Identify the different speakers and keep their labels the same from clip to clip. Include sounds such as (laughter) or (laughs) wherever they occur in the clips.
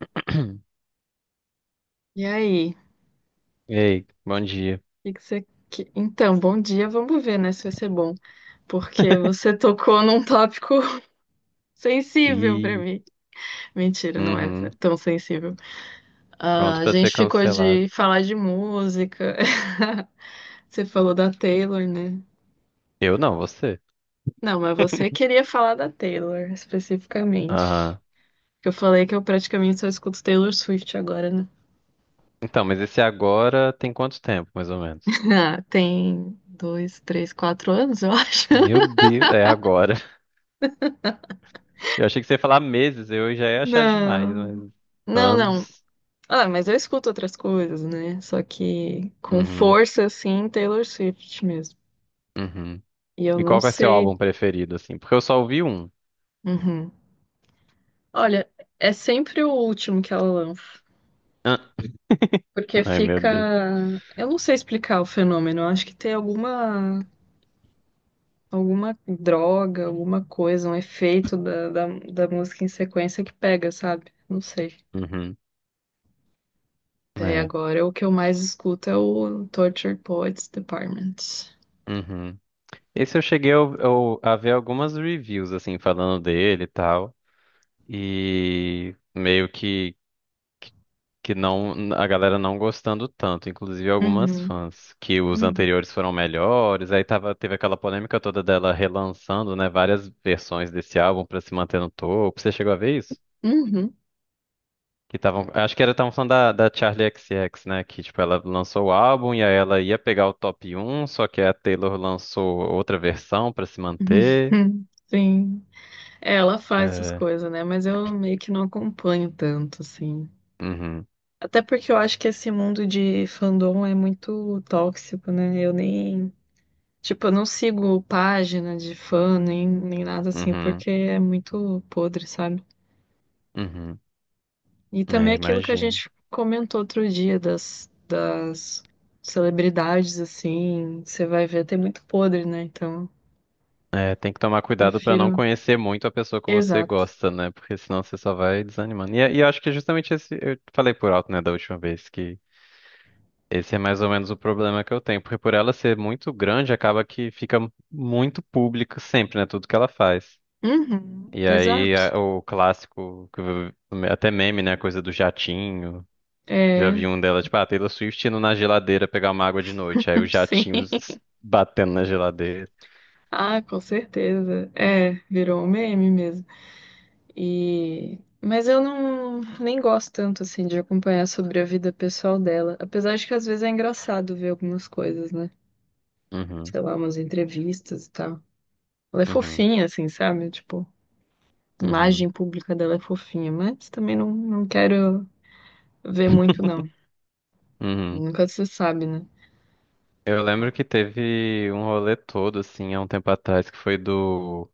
Speaker 1: (clears throat)
Speaker 2: E aí?
Speaker 1: Ei, bom dia.
Speaker 2: Que que você... Então, bom dia, vamos ver, né, se vai ser bom. Porque
Speaker 1: (laughs)
Speaker 2: você tocou num tópico (laughs) sensível pra
Speaker 1: Ih,
Speaker 2: mim. Mentira, não é
Speaker 1: uhum,
Speaker 2: tão sensível. Ah,
Speaker 1: pronto
Speaker 2: a
Speaker 1: pra ser
Speaker 2: gente ficou
Speaker 1: cancelado.
Speaker 2: de falar de música. (laughs) Você falou da Taylor, né?
Speaker 1: Eu não, você.
Speaker 2: Não, mas você
Speaker 1: (laughs)
Speaker 2: queria falar da Taylor, especificamente.
Speaker 1: Aham.
Speaker 2: Eu falei que eu praticamente só escuto Taylor Swift agora, né?
Speaker 1: Então, mas esse agora tem quanto tempo, mais ou menos?
Speaker 2: (laughs) Ah, tem dois, três, quatro anos, eu (laughs) acho.
Speaker 1: Meu Deus, é agora. (laughs) Eu achei que você ia falar meses, eu já ia achar demais,
Speaker 2: Não,
Speaker 1: mas
Speaker 2: não, não.
Speaker 1: anos.
Speaker 2: Ah, mas eu escuto outras coisas, né? Só que com
Speaker 1: Uhum,
Speaker 2: força, assim, Taylor Swift mesmo.
Speaker 1: uhum.
Speaker 2: E eu
Speaker 1: E
Speaker 2: não
Speaker 1: qual que é seu
Speaker 2: sei.
Speaker 1: álbum preferido, assim? Porque eu só ouvi um.
Speaker 2: Uhum. Olha, é sempre o último que ela lança.
Speaker 1: Ah.
Speaker 2: Porque
Speaker 1: Ai, meu Deus.
Speaker 2: fica. Eu não sei explicar o fenômeno. Eu acho que tem alguma. Alguma droga, alguma coisa, um efeito da música em sequência que pega, sabe? Não sei.
Speaker 1: Uhum,
Speaker 2: Daí
Speaker 1: é.
Speaker 2: agora o que eu mais escuto é o Tortured Poets Department.
Speaker 1: Uhum. Esse eu cheguei a ver algumas reviews, assim, falando dele e tal. E meio que não, a galera não gostando tanto, inclusive algumas
Speaker 2: Uhum,
Speaker 1: fãs, que os
Speaker 2: uhum,
Speaker 1: anteriores foram melhores, aí teve aquela polêmica toda dela relançando, né, várias versões desse álbum pra se manter no topo. Você chegou a ver isso?
Speaker 2: uhum.
Speaker 1: Que estavam, acho que era, estavam falando da Charli X, C X, né, que tipo ela lançou o álbum e aí ela ia pegar o top um, só que a Taylor lançou outra versão pra se manter.
Speaker 2: (laughs) Sim, é, ela faz essas
Speaker 1: É,
Speaker 2: coisas, né? Mas eu meio que não acompanho tanto, assim.
Speaker 1: uhum,
Speaker 2: Até porque eu acho que esse mundo de fandom é muito tóxico, né? Eu nem. Tipo, eu não sigo página de fã, nem nada assim,
Speaker 1: uhum,
Speaker 2: porque é muito podre, sabe?
Speaker 1: uhum.
Speaker 2: E também
Speaker 1: É,
Speaker 2: aquilo que a
Speaker 1: imagino.
Speaker 2: gente comentou outro dia das celebridades, assim, você vai ver, tem muito podre, né? Então,
Speaker 1: É, tem que tomar cuidado pra não
Speaker 2: prefiro.
Speaker 1: conhecer muito a pessoa que você
Speaker 2: Exato.
Speaker 1: gosta, né? Porque senão você só vai desanimando. E eu acho que é justamente esse, eu falei por alto, né, da última vez, que esse é mais ou menos o problema que eu tenho. Porque por ela ser muito grande, acaba que fica muito público sempre, né? Tudo que ela faz.
Speaker 2: Uhum,
Speaker 1: E aí
Speaker 2: exato.
Speaker 1: o clássico, até meme, né? A coisa do jatinho. Já
Speaker 2: É,
Speaker 1: vi um dela, tipo, ah, Taylor Swift indo na geladeira pegar uma água de noite. Aí o
Speaker 2: sim,
Speaker 1: jatinho
Speaker 2: (laughs)
Speaker 1: batendo na geladeira.
Speaker 2: ah, com certeza. É, virou um meme mesmo. E mas eu não nem gosto tanto assim de acompanhar sobre a vida pessoal dela, apesar de que às vezes é engraçado ver algumas coisas, né?
Speaker 1: Uhum,
Speaker 2: Sei lá, umas entrevistas e tal. Ela é
Speaker 1: uhum,
Speaker 2: fofinha assim, sabe? Tipo, a
Speaker 1: uhum,
Speaker 2: imagem pública dela é fofinha, mas também não, não quero ver muito não.
Speaker 1: uhum.
Speaker 2: Nunca se sabe, né?
Speaker 1: Eu lembro que teve um rolê todo, assim, há um tempo atrás, que foi do,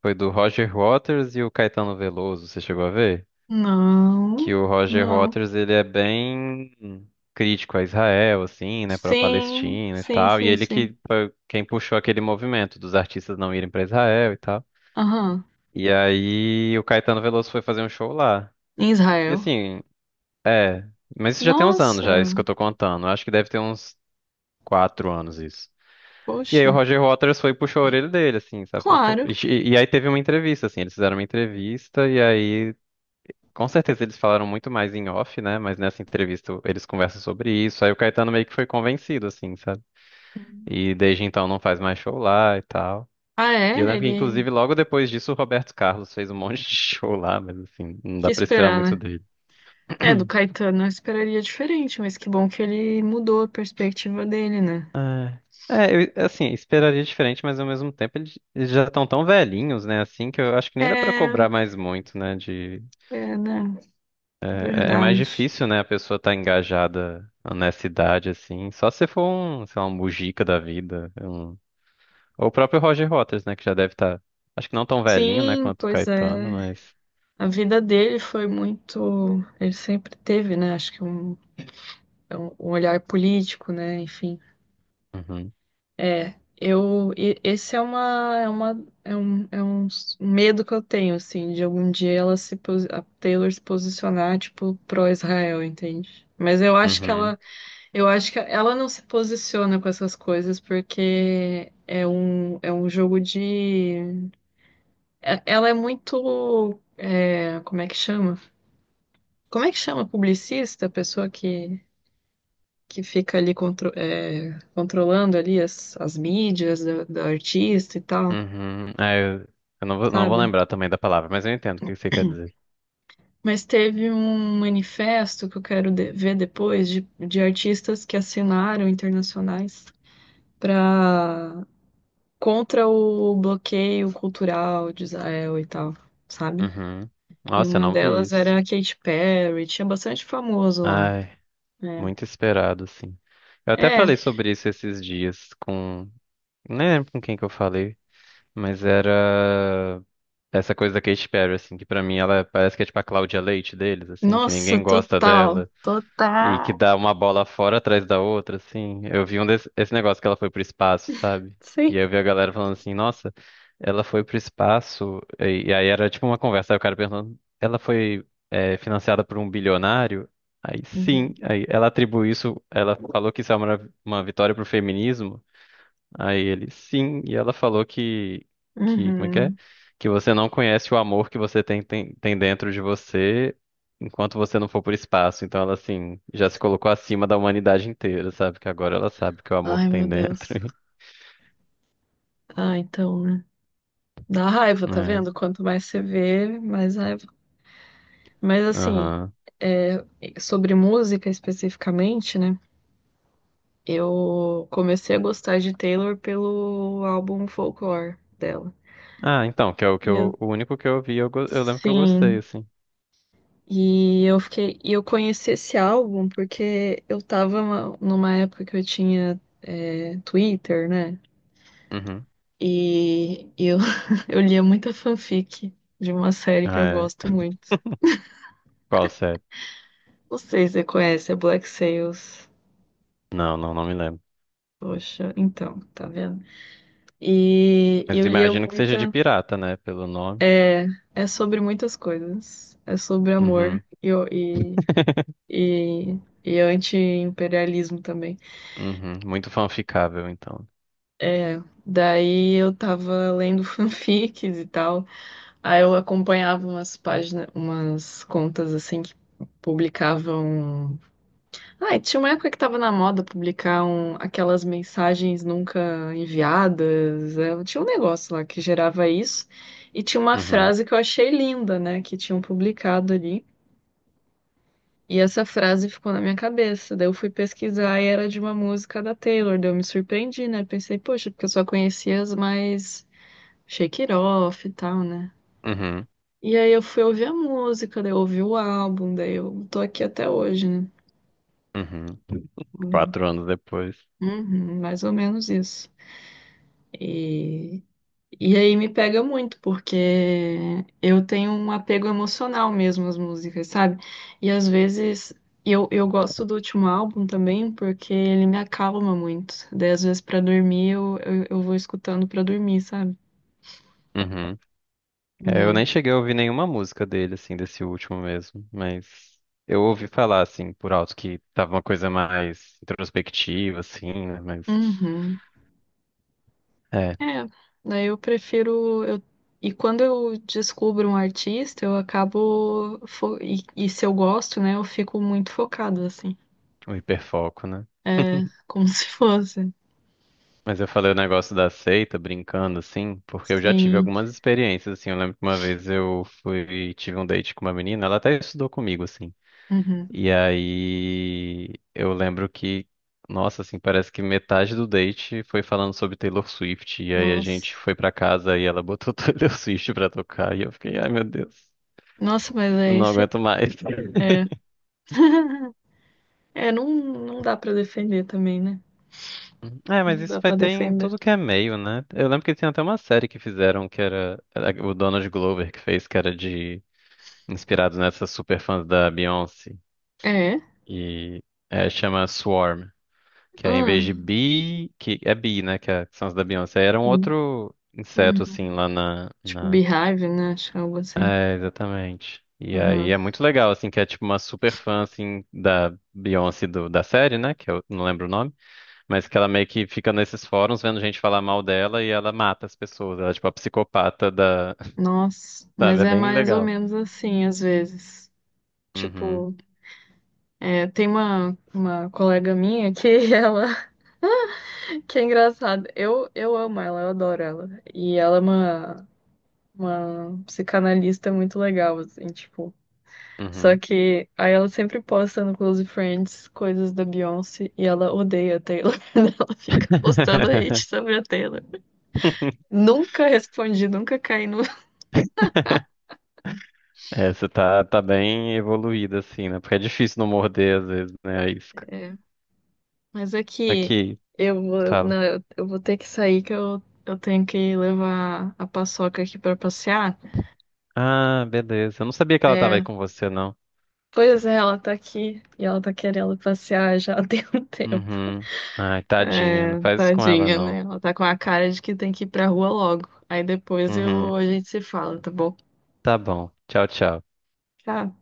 Speaker 1: foi do Roger Waters e o Caetano Veloso, você chegou a ver? Que
Speaker 2: Não.
Speaker 1: o Roger
Speaker 2: Não.
Speaker 1: Waters, ele é bem crítico a Israel, assim, né, pra
Speaker 2: Sim,
Speaker 1: Palestina e
Speaker 2: sim,
Speaker 1: tal, e
Speaker 2: sim,
Speaker 1: ele
Speaker 2: sim.
Speaker 1: que foi quem puxou aquele movimento dos artistas não irem pra Israel e tal.
Speaker 2: Aham.
Speaker 1: E aí o Caetano Veloso foi fazer um show lá.
Speaker 2: Em
Speaker 1: E
Speaker 2: Israel.
Speaker 1: assim, é, mas isso já tem uns anos
Speaker 2: Nossa!
Speaker 1: já, isso que eu tô contando. Eu acho que deve ter uns 4 anos isso. E aí o
Speaker 2: Poxa,
Speaker 1: Roger Waters foi e puxou a orelha dele, assim, sabe? Falou, "Pô".
Speaker 2: claro.
Speaker 1: E aí teve uma entrevista, assim, eles fizeram uma entrevista e aí, com certeza eles falaram muito mais em off, né? Mas nessa entrevista eles conversam sobre isso. Aí o Caetano meio que foi convencido, assim, sabe? E desde então não faz mais show lá e tal.
Speaker 2: Ah,
Speaker 1: E eu
Speaker 2: é?
Speaker 1: lembro que,
Speaker 2: Ele
Speaker 1: inclusive, logo depois disso o Roberto Carlos fez um monte de (laughs) show lá, mas assim, não
Speaker 2: que
Speaker 1: dá pra esperar
Speaker 2: esperar,
Speaker 1: muito
Speaker 2: né?
Speaker 1: dele.
Speaker 2: É, do Caetano eu esperaria diferente, mas que bom que ele mudou a perspectiva dele, né?
Speaker 1: É, é, eu, assim, esperaria diferente, mas ao mesmo tempo eles já estão tão velhinhos, né? Assim, que eu acho que nem dá pra
Speaker 2: É,
Speaker 1: cobrar mais muito, né? De
Speaker 2: é, né?
Speaker 1: É mais
Speaker 2: Verdade.
Speaker 1: difícil, né? A pessoa tá engajada nessa idade, assim. Só se for um, sei lá, um Mujica da vida. Ou o próprio Roger Waters, né? Que já deve estar. Acho que não tão velhinho, né?
Speaker 2: Sim,
Speaker 1: Quanto o
Speaker 2: pois
Speaker 1: Caetano,
Speaker 2: é.
Speaker 1: mas.
Speaker 2: A vida dele foi muito. Ele sempre teve, né? Acho que é um olhar político, né? Enfim.
Speaker 1: Uhum,
Speaker 2: É, esse é um medo que eu tenho, assim, de algum dia ela se, posi- a Taylor se posicionar, tipo, pró-Israel, entende? Mas eu acho que
Speaker 1: uhum,
Speaker 2: ela não se posiciona com essas coisas porque ela é muito, é, como é que chama? Como é que chama? Publicista, a pessoa que fica ali controlando ali as mídias da artista e tal.
Speaker 1: uhum. Ah, eu não vou
Speaker 2: Sabe?
Speaker 1: lembrar também da palavra, mas eu entendo o que você quer dizer.
Speaker 2: Mas teve um manifesto que eu quero ver depois de artistas que assinaram internacionais para contra o bloqueio cultural de Israel e tal, sabe?
Speaker 1: Uhum.
Speaker 2: E
Speaker 1: Nossa, eu
Speaker 2: uma
Speaker 1: não vi
Speaker 2: delas
Speaker 1: isso.
Speaker 2: era a Katy Perry, tinha bastante famoso lá.
Speaker 1: Ai, muito esperado, assim. Eu até
Speaker 2: É,
Speaker 1: falei sobre isso esses dias com... Nem lembro com quem que eu falei, mas era... Essa coisa da Katy Perry, assim, que pra mim ela parece que é tipo a Cláudia Leite deles, assim, que
Speaker 2: nossa,
Speaker 1: ninguém gosta
Speaker 2: total,
Speaker 1: dela e que
Speaker 2: total,
Speaker 1: dá uma bola fora atrás da outra, assim. Eu vi um desse, esse negócio que ela foi pro espaço, sabe? E
Speaker 2: sim.
Speaker 1: aí eu vi a galera falando assim, nossa, ela foi pro espaço, e aí era tipo uma conversa, aí o cara perguntando, ela foi financiada por um bilionário? Aí sim,
Speaker 2: Uhum.
Speaker 1: aí ela atribui isso, ela falou que isso é uma vitória pro feminismo. Aí ele, sim, e ela falou como é?
Speaker 2: Uhum.
Speaker 1: Que você não conhece o amor que você tem dentro de você enquanto você não for pro espaço. Então ela, assim, já se colocou acima da humanidade inteira, sabe? Que agora ela sabe que é o amor
Speaker 2: Ai,
Speaker 1: que
Speaker 2: meu
Speaker 1: tem dentro.
Speaker 2: Deus.
Speaker 1: (laughs)
Speaker 2: Ah, então, né? Dá raiva, tá
Speaker 1: É,
Speaker 2: vendo? Quanto mais você vê, mais raiva. Mas assim,
Speaker 1: aham.
Speaker 2: é, sobre música especificamente, né? Eu comecei a gostar de Taylor pelo álbum Folklore dela.
Speaker 1: Ah, então, que é o que
Speaker 2: E eu,
Speaker 1: eu, o único que eu vi, eu lembro que eu gostei,
Speaker 2: sim,
Speaker 1: assim.
Speaker 2: e eu conheci esse álbum porque eu tava numa época que eu tinha Twitter, né?
Speaker 1: Uhum.
Speaker 2: E eu, (laughs) eu lia muita fanfic de uma série que eu
Speaker 1: Ah,
Speaker 2: gosto
Speaker 1: é.
Speaker 2: muito.
Speaker 1: Qual série?
Speaker 2: Não sei se você conhece, é Black Sails.
Speaker 1: Não, não, não me lembro.
Speaker 2: Poxa, então, tá vendo? E
Speaker 1: Mas
Speaker 2: eu lia
Speaker 1: imagino que seja de
Speaker 2: muita.
Speaker 1: pirata, né? Pelo nome.
Speaker 2: É, é sobre muitas coisas. É sobre amor
Speaker 1: Uhum.
Speaker 2: e,
Speaker 1: (laughs)
Speaker 2: e, e anti-imperialismo também.
Speaker 1: Uhum. Muito fanficável, então.
Speaker 2: É, daí eu tava lendo (laughs) fanfics e tal. Aí eu acompanhava umas páginas, umas contas assim que publicavam. Ah, e tinha uma época que tava na moda publicar aquelas mensagens nunca enviadas. Tinha um negócio lá que gerava isso. E tinha uma
Speaker 1: Uhum.
Speaker 2: frase que eu achei linda, né? Que tinham publicado ali. E essa frase ficou na minha cabeça. Daí eu fui pesquisar e era de uma música da Taylor. Daí eu me surpreendi, né? Pensei, poxa, porque eu só conhecia as mais Shake It Off e tal, né?
Speaker 1: Uhum,
Speaker 2: E aí eu fui ouvir a música, daí eu ouvi o álbum, daí eu tô aqui até hoje, né?
Speaker 1: uhum.
Speaker 2: É.
Speaker 1: 4 anos depois.
Speaker 2: Uhum, mais ou menos isso. E, e aí me pega muito, porque eu tenho um apego emocional mesmo às músicas, sabe? E às vezes eu gosto do último álbum também, porque ele me acalma muito. Daí às vezes pra dormir eu vou escutando pra dormir, sabe?
Speaker 1: Uhum. É, eu
Speaker 2: É.
Speaker 1: nem cheguei a ouvir nenhuma música dele, assim, desse último mesmo, mas eu ouvi falar, assim, por alto que tava uma coisa mais introspectiva, assim, né? Mas
Speaker 2: Uhum.
Speaker 1: é,
Speaker 2: É, daí eu prefiro. Eu... E quando eu descubro um artista, eu acabo. E se eu gosto, né, eu fico muito focada, assim.
Speaker 1: um hiperfoco, né?
Speaker 2: É, como (laughs) se fosse.
Speaker 1: Mas eu falei o negócio da seita, brincando, assim, porque eu já tive
Speaker 2: Sim.
Speaker 1: algumas experiências, assim. Eu lembro que uma vez eu tive um date com uma menina, ela até estudou comigo, assim.
Speaker 2: Uhum.
Speaker 1: E aí eu lembro que, nossa, assim, parece que metade do date foi falando sobre Taylor Swift. E aí a gente
Speaker 2: Nossa.
Speaker 1: foi pra casa e ela botou (laughs) Taylor Swift pra tocar. E eu fiquei, ai meu Deus,
Speaker 2: Nossa, mas
Speaker 1: eu
Speaker 2: é
Speaker 1: não
Speaker 2: esse.
Speaker 1: aguento mais.
Speaker 2: É,
Speaker 1: (laughs)
Speaker 2: é não, não dá pra defender também, né?
Speaker 1: É, mas
Speaker 2: Não
Speaker 1: isso
Speaker 2: dá
Speaker 1: vai
Speaker 2: pra
Speaker 1: ter em
Speaker 2: defender.
Speaker 1: tudo que é meio, né? Eu lembro que tinha até uma série que fizeram que era o Donald Glover que fez, que era de inspirado nessas superfãs da Beyoncé.
Speaker 2: É?
Speaker 1: E chama Swarm. Que é em vez
Speaker 2: Ah,
Speaker 1: de bee, que é bee, né? Que são as da Beyoncé. Era um
Speaker 2: hum,
Speaker 1: outro inseto,
Speaker 2: hum.
Speaker 1: assim, lá na,
Speaker 2: Tipo
Speaker 1: na...
Speaker 2: Beehive, né? Acho que é algo assim.
Speaker 1: É, exatamente. E aí
Speaker 2: Uhum.
Speaker 1: é muito legal, assim, que é tipo uma super fã, assim, da Beyoncé da série, né? Que eu não lembro o nome. Mas que ela meio que fica nesses fóruns vendo gente falar mal dela e ela mata as pessoas. Ela é tipo a psicopata da... (laughs)
Speaker 2: Nossa,
Speaker 1: Sabe?
Speaker 2: mas
Speaker 1: É
Speaker 2: é
Speaker 1: bem
Speaker 2: mais ou
Speaker 1: legal.
Speaker 2: menos assim, às vezes.
Speaker 1: Uhum.
Speaker 2: Tipo, tem uma colega minha que (laughs) ela. Que é engraçado. Eu amo ela, eu adoro ela. E ela é uma psicanalista muito legal, assim, tipo. Só
Speaker 1: Uhum.
Speaker 2: que aí ela sempre posta no Close Friends coisas da Beyoncé e ela odeia a Taylor. (laughs) Ela fica postando hate
Speaker 1: (laughs)
Speaker 2: sobre a Taylor. Nunca respondi, nunca caí no.
Speaker 1: Essa tá bem evoluída, assim, né? Porque é difícil não morder, às vezes, né?
Speaker 2: É, mas é que
Speaker 1: Aqui,
Speaker 2: eu vou,
Speaker 1: fala.
Speaker 2: não, eu vou ter que sair que eu tenho que levar a Paçoca aqui pra passear.
Speaker 1: Ah, beleza. Eu não sabia que ela tava aí
Speaker 2: É,
Speaker 1: com você, não.
Speaker 2: pois é, ela tá aqui e ela tá querendo passear já (laughs) tem um tempo.
Speaker 1: Uhum. Ai, tadinha. Não
Speaker 2: É,
Speaker 1: faz isso com ela,
Speaker 2: tadinha,
Speaker 1: não.
Speaker 2: né? Ela tá com a cara de que tem que ir pra rua logo. Aí depois
Speaker 1: Uhum.
Speaker 2: a gente se fala, tá bom?
Speaker 1: Tá bom. Tchau, tchau.
Speaker 2: Tchau.